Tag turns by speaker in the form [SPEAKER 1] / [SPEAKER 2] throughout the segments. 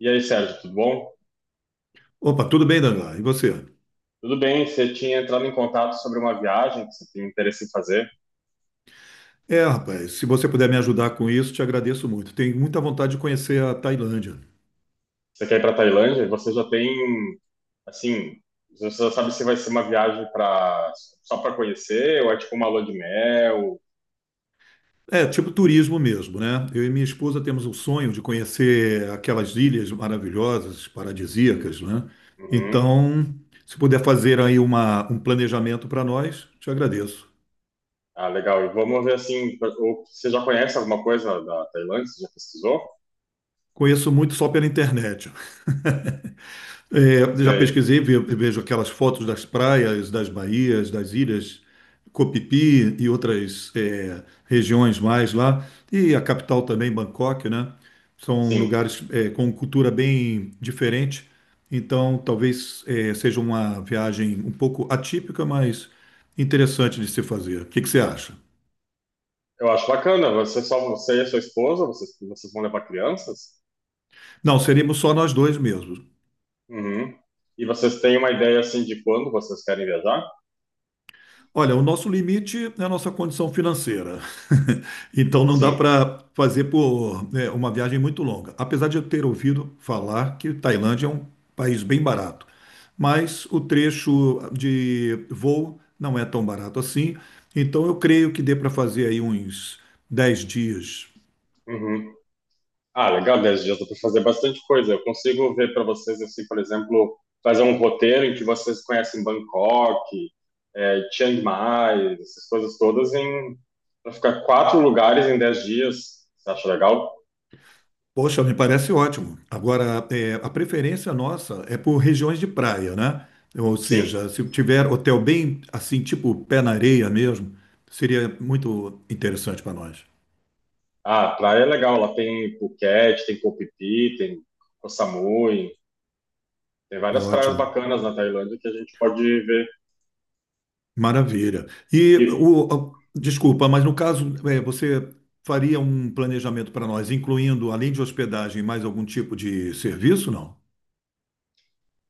[SPEAKER 1] E aí, Sérgio, tudo bom?
[SPEAKER 2] Opa, tudo bem, Daniela? E você?
[SPEAKER 1] Tudo bem, você tinha entrado em contato sobre uma viagem que você tem interesse em fazer.
[SPEAKER 2] Rapaz, se você puder me ajudar com isso, te agradeço muito. Tenho muita vontade de conhecer a Tailândia.
[SPEAKER 1] Você quer ir para Tailândia? Você já tem, assim, você já sabe se vai ser uma viagem para só para conhecer ou é tipo uma lua de mel?
[SPEAKER 2] Tipo turismo mesmo, né? Eu e minha esposa temos o sonho de conhecer aquelas ilhas maravilhosas, paradisíacas, né?
[SPEAKER 1] Uhum.
[SPEAKER 2] Então, se puder fazer aí um planejamento para nós, te agradeço.
[SPEAKER 1] Ah, legal. E vamos ver assim, ou você já conhece alguma coisa da Tailândia? Você já pesquisou?
[SPEAKER 2] Conheço muito só pela internet. Já
[SPEAKER 1] Sei.
[SPEAKER 2] pesquisei, vejo aquelas fotos das praias, das baías, das ilhas Copipi e outras regiões mais lá. E a capital também, Bangkok, né? São
[SPEAKER 1] Sim.
[SPEAKER 2] lugares com cultura bem diferente. Então, talvez seja uma viagem um pouco atípica, mas interessante de se fazer. O que que você acha?
[SPEAKER 1] Eu acho bacana. Você só você e a sua esposa, vocês vão levar crianças?
[SPEAKER 2] Não, seríamos só nós dois mesmos.
[SPEAKER 1] Uhum. E vocês têm uma ideia assim de quando vocês querem viajar?
[SPEAKER 2] Olha, o nosso limite é a nossa condição financeira. Então não dá
[SPEAKER 1] Sim.
[SPEAKER 2] para fazer por, né, uma viagem muito longa. Apesar de eu ter ouvido falar que Tailândia é um país bem barato, mas o trecho de voo não é tão barato assim. Então eu creio que dê para fazer aí uns 10 dias.
[SPEAKER 1] Uhum. Ah, legal, 10 dias dá para fazer bastante coisa. Eu consigo ver para vocês, assim, por exemplo, fazer um roteiro em que vocês conhecem Bangkok, Chiang Mai, essas coisas todas, em para ficar quatro lugares em 10 dias. Você acha legal?
[SPEAKER 2] Poxa, me parece ótimo. Agora, a preferência nossa é por regiões de praia, né? Ou
[SPEAKER 1] Sim.
[SPEAKER 2] seja, se tiver hotel bem assim, tipo pé na areia mesmo, seria muito interessante para nós.
[SPEAKER 1] Ah, a praia é legal. Lá tem Phuket, tem Koh Phi Phi, tem Koh Samui. Tem várias praias
[SPEAKER 2] Ótimo,
[SPEAKER 1] bacanas na Tailândia que a gente pode ver.
[SPEAKER 2] maravilha. E o, desculpa, mas no caso, você faria um planejamento para nós, incluindo, além de hospedagem, mais algum tipo de serviço, não?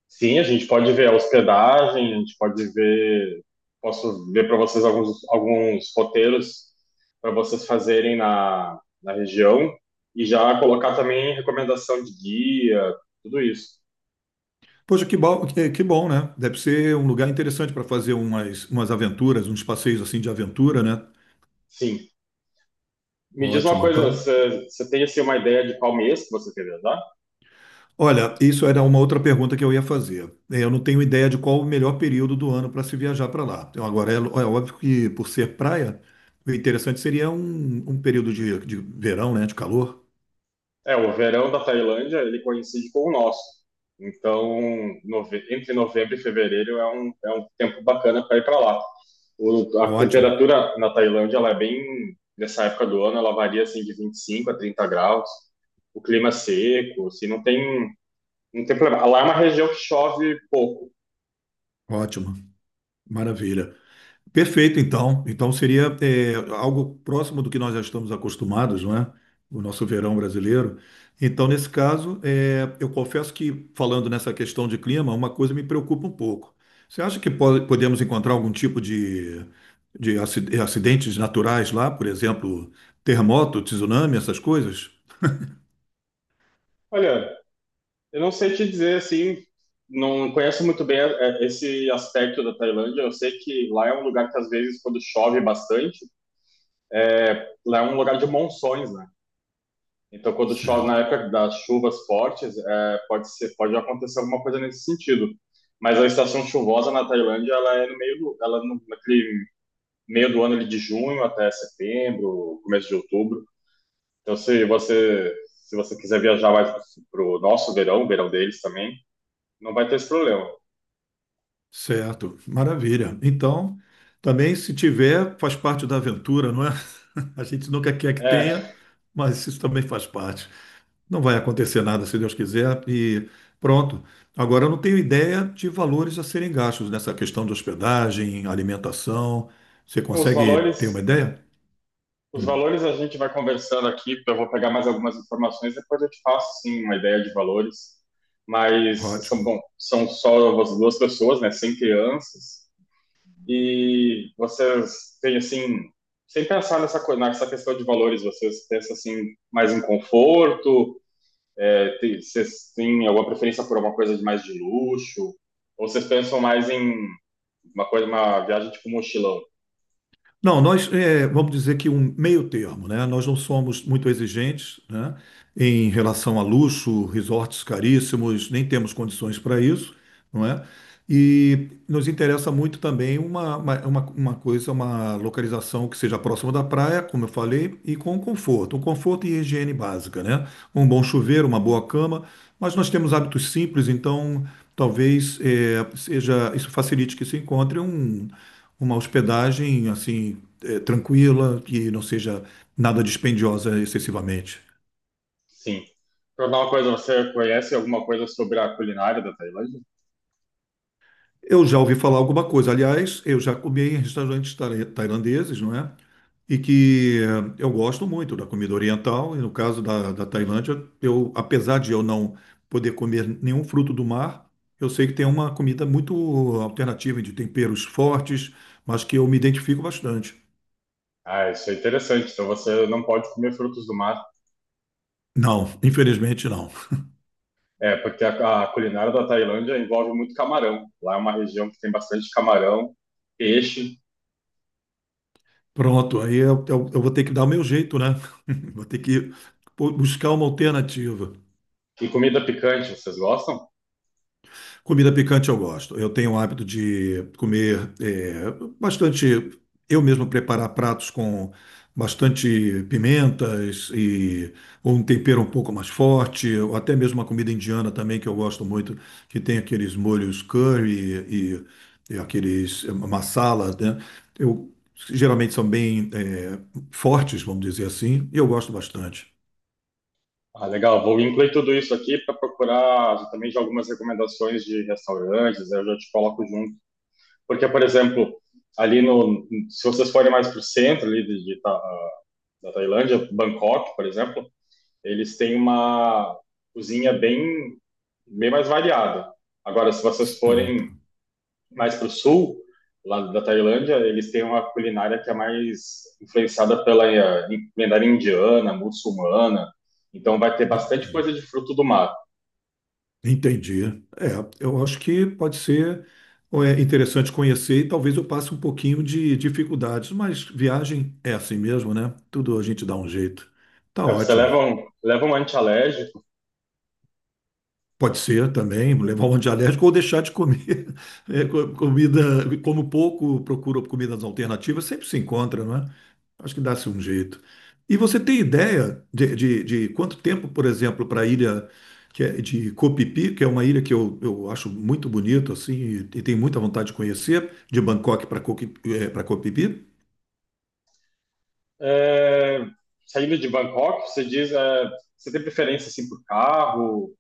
[SPEAKER 1] Sim, a gente pode ver a hospedagem, a gente pode ver. Posso ver para vocês alguns roteiros para vocês fazerem na região e já colocar também recomendação de guia, tudo isso.
[SPEAKER 2] Poxa, que bom, que bom, né? Deve ser um lugar interessante para fazer umas aventuras, uns passeios assim de aventura, né?
[SPEAKER 1] Sim. Me diz uma
[SPEAKER 2] Ótimo.
[SPEAKER 1] coisa,
[SPEAKER 2] Então,
[SPEAKER 1] você tem assim, uma ideia de qual mês que você quer viajar?
[SPEAKER 2] olha, isso era uma outra pergunta que eu ia fazer. Eu não tenho ideia de qual o melhor período do ano para se viajar para lá. Então, agora, é óbvio que por ser praia, o interessante seria um período de verão, né? De calor.
[SPEAKER 1] É, o verão da Tailândia, ele coincide com o nosso. Então, entre novembro e fevereiro é um tempo bacana para ir para lá. A
[SPEAKER 2] Ótimo,
[SPEAKER 1] temperatura na Tailândia, ela é bem, nessa época do ano, ela varia assim de 25 a 30 graus. O clima é seco, assim, não tem problema. Lá é uma região que chove pouco.
[SPEAKER 2] ótimo. Maravilha. Perfeito, então. Então seria algo próximo do que nós já estamos acostumados, não é? O nosso verão brasileiro. Então, nesse caso, eu confesso que, falando nessa questão de clima, uma coisa me preocupa um pouco. Você acha que podemos encontrar algum tipo de acidentes naturais lá, por exemplo, terremoto, tsunami, essas coisas?
[SPEAKER 1] Olha, eu não sei te dizer assim, não conheço muito bem esse aspecto da Tailândia. Eu sei que lá é um lugar que às vezes quando chove bastante, lá é um lugar de monções, né? Então, quando chove na
[SPEAKER 2] Certo,
[SPEAKER 1] época das chuvas fortes, pode acontecer alguma coisa nesse sentido. Mas a estação chuvosa na Tailândia, ela é no meio do, ela é no, naquele meio do ano ali de junho até setembro, começo de outubro. Então, se você quiser viajar mais para o nosso verão, o verão deles também, não vai ter esse problema.
[SPEAKER 2] certo, maravilha. Então, também se tiver, faz parte da aventura, não é? A gente nunca quer que tenha,
[SPEAKER 1] É,
[SPEAKER 2] mas isso também faz parte. Não vai acontecer nada, se Deus quiser, e pronto. Agora, eu não tenho ideia de valores a serem gastos nessa questão de hospedagem, alimentação. Você
[SPEAKER 1] os
[SPEAKER 2] consegue
[SPEAKER 1] valores
[SPEAKER 2] ter uma ideia?
[SPEAKER 1] Os
[SPEAKER 2] Hum,
[SPEAKER 1] valores a gente vai conversando aqui, eu vou pegar mais algumas informações, depois eu te faço sim uma ideia de valores, mas
[SPEAKER 2] ótimo.
[SPEAKER 1] são só as duas pessoas, né, sem crianças, e vocês têm assim, sem pensar nessa coisa, nessa questão de valores, vocês pensam assim mais em conforto. Vocês têm alguma preferência por alguma coisa de mais de luxo, ou vocês pensam mais em uma viagem tipo mochilão?
[SPEAKER 2] Não, nós vamos dizer que um meio termo, né? Nós não somos muito exigentes, né? Em relação a luxo, resorts caríssimos, nem temos condições para isso, não é? E nos interessa muito também uma coisa, uma localização que seja próxima da praia, como eu falei, e com conforto, um conforto e higiene básica, né? Um bom chuveiro, uma boa cama, mas nós temos hábitos simples, então talvez seja isso, facilite que se encontre uma hospedagem assim tranquila, que não seja nada dispendiosa excessivamente.
[SPEAKER 1] Sim. Perguntar uma coisa, você conhece alguma coisa sobre a culinária da Tailândia?
[SPEAKER 2] Eu já ouvi falar alguma coisa, aliás, eu já comi em restaurantes tailandeses, não é? E que eu gosto muito da comida oriental, e no caso da, da Tailândia, eu, apesar de eu não poder comer nenhum fruto do mar, eu sei que tem uma comida muito alternativa de temperos fortes, mas que eu me identifico bastante.
[SPEAKER 1] Ah, isso é interessante. Então você não pode comer frutos do mar,
[SPEAKER 2] Não, infelizmente não.
[SPEAKER 1] é porque a culinária da Tailândia envolve muito camarão. Lá é uma região que tem bastante camarão, peixe
[SPEAKER 2] Pronto, aí eu vou ter que dar o meu jeito, né? Vou ter que buscar uma alternativa.
[SPEAKER 1] e comida picante. Vocês gostam?
[SPEAKER 2] Comida picante eu gosto. Eu tenho o hábito de comer bastante, eu mesmo preparar pratos com bastante pimentas e ou um tempero um pouco mais forte, ou até mesmo uma comida indiana também que eu gosto muito, que tem aqueles molhos curry e aqueles masala, né? Eu geralmente são bem fortes, vamos dizer assim, e eu gosto bastante.
[SPEAKER 1] Ah, legal. Vou incluir tudo isso aqui para procurar também de algumas recomendações de restaurantes. Eu já te coloco junto, porque por exemplo, ali no, se vocês forem mais para o centro ali da Tailândia, Bangkok, por exemplo, eles têm uma cozinha bem mais variada. Agora, se vocês
[SPEAKER 2] Certo.
[SPEAKER 1] forem mais para o sul, lá da Tailândia, eles têm uma culinária que é mais influenciada pela culinária indiana, muçulmana. Então, vai ter bastante coisa de fruto do mar.
[SPEAKER 2] Entendi. É, eu acho que pode ser interessante conhecer e talvez eu passe um pouquinho de dificuldades, mas viagem é assim mesmo, né? Tudo a gente dá um jeito. Tá
[SPEAKER 1] É, você
[SPEAKER 2] ótimo.
[SPEAKER 1] leva um antialérgico.
[SPEAKER 2] Pode ser também, levar um antialérgico ou deixar de comer comida, como pouco procura comidas alternativas, sempre se encontra, não é? Acho que dá-se um jeito. E você tem ideia de quanto tempo, por exemplo, para a ilha que é de Copipi, que é uma ilha que eu acho muito bonito assim, e tenho muita vontade de conhecer, de Bangkok para Copipi?
[SPEAKER 1] É, saindo de Bangkok, você diz, você tem preferência assim por carro?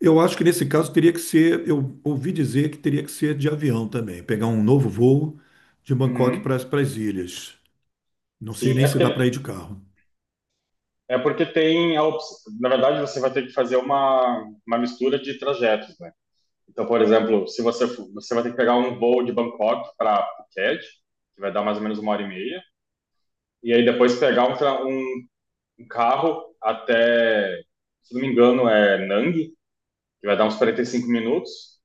[SPEAKER 2] Eu acho que nesse caso teria que ser, eu ouvi dizer que teria que ser de avião também, pegar um novo voo de Bangkok
[SPEAKER 1] Uhum.
[SPEAKER 2] para as ilhas. Não sei
[SPEAKER 1] Sim,
[SPEAKER 2] nem
[SPEAKER 1] é
[SPEAKER 2] se
[SPEAKER 1] porque
[SPEAKER 2] dá para ir de carro.
[SPEAKER 1] É porque tem a opção. Na verdade, você vai ter que fazer uma mistura de trajetos, né? Então, por exemplo, se você for- você vai ter que pegar um voo de Bangkok para Phuket, que vai dar mais ou menos uma hora e meia, e aí depois pegar um carro até, se não me engano, é Nang, que vai dar uns 45 minutos,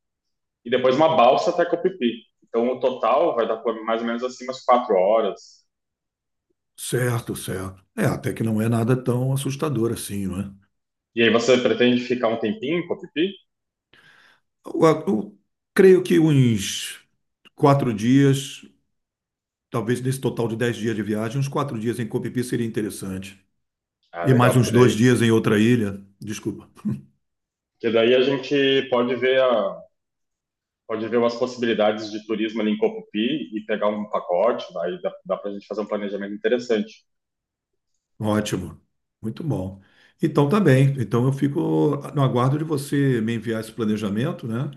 [SPEAKER 1] e depois uma balsa até Koh Phi Phi. Então, o total vai dar por mais ou menos assim umas 4 horas.
[SPEAKER 2] Certo, certo. É, até que não é nada tão assustador assim, não é?
[SPEAKER 1] E aí você pretende ficar um tempinho em Koh Phi Phi?
[SPEAKER 2] Eu creio que uns 4 dias, talvez nesse total de 10 dias de viagem, uns 4 dias em Copipi seria interessante.
[SPEAKER 1] Ah,
[SPEAKER 2] E
[SPEAKER 1] legal,
[SPEAKER 2] mais
[SPEAKER 1] porque
[SPEAKER 2] uns dois
[SPEAKER 1] daí,
[SPEAKER 2] dias em outra ilha. Desculpa.
[SPEAKER 1] porque daí a gente pode ver umas possibilidades de turismo ali em Copupi e pegar um pacote, aí dá para a gente fazer um planejamento interessante.
[SPEAKER 2] Ótimo. Muito bom. Então tá bem. Então eu fico no aguardo de você me enviar esse planejamento, né?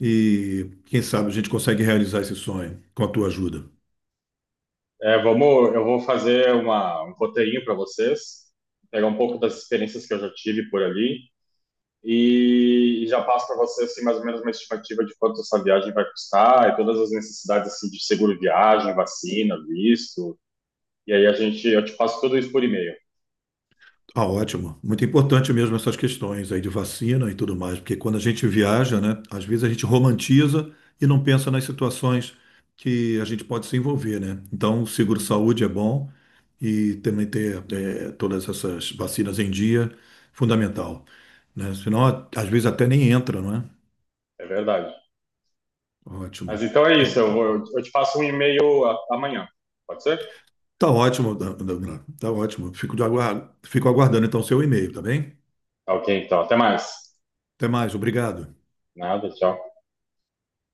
[SPEAKER 2] E quem sabe a gente consegue realizar esse sonho com a tua ajuda.
[SPEAKER 1] Eu vou fazer um roteirinho para vocês, pegar um pouco das experiências que eu já tive por ali e já passo para vocês assim, mais ou menos uma estimativa de quanto essa viagem vai custar e todas as necessidades assim, de seguro viagem, vacina, visto. E aí eu te passo tudo isso por e-mail,
[SPEAKER 2] Ah, ótimo. Muito importante mesmo essas questões aí de vacina e tudo mais, porque quando a gente viaja, né, às vezes a gente romantiza e não pensa nas situações que a gente pode se envolver, né? Então, o seguro-saúde é bom e também ter todas essas vacinas em dia, fundamental, né? Senão, às vezes até nem entra, não é?
[SPEAKER 1] é verdade. Mas
[SPEAKER 2] Ótimo.
[SPEAKER 1] então é
[SPEAKER 2] Então,
[SPEAKER 1] isso, eu te passo um e-mail amanhã, pode ser?
[SPEAKER 2] tá ótimo, Dan, tá ótimo. Fico de fico aguardando então o seu e-mail, tá bem?
[SPEAKER 1] Tá ok, então, até mais.
[SPEAKER 2] Até mais, obrigado.
[SPEAKER 1] Nada, tchau.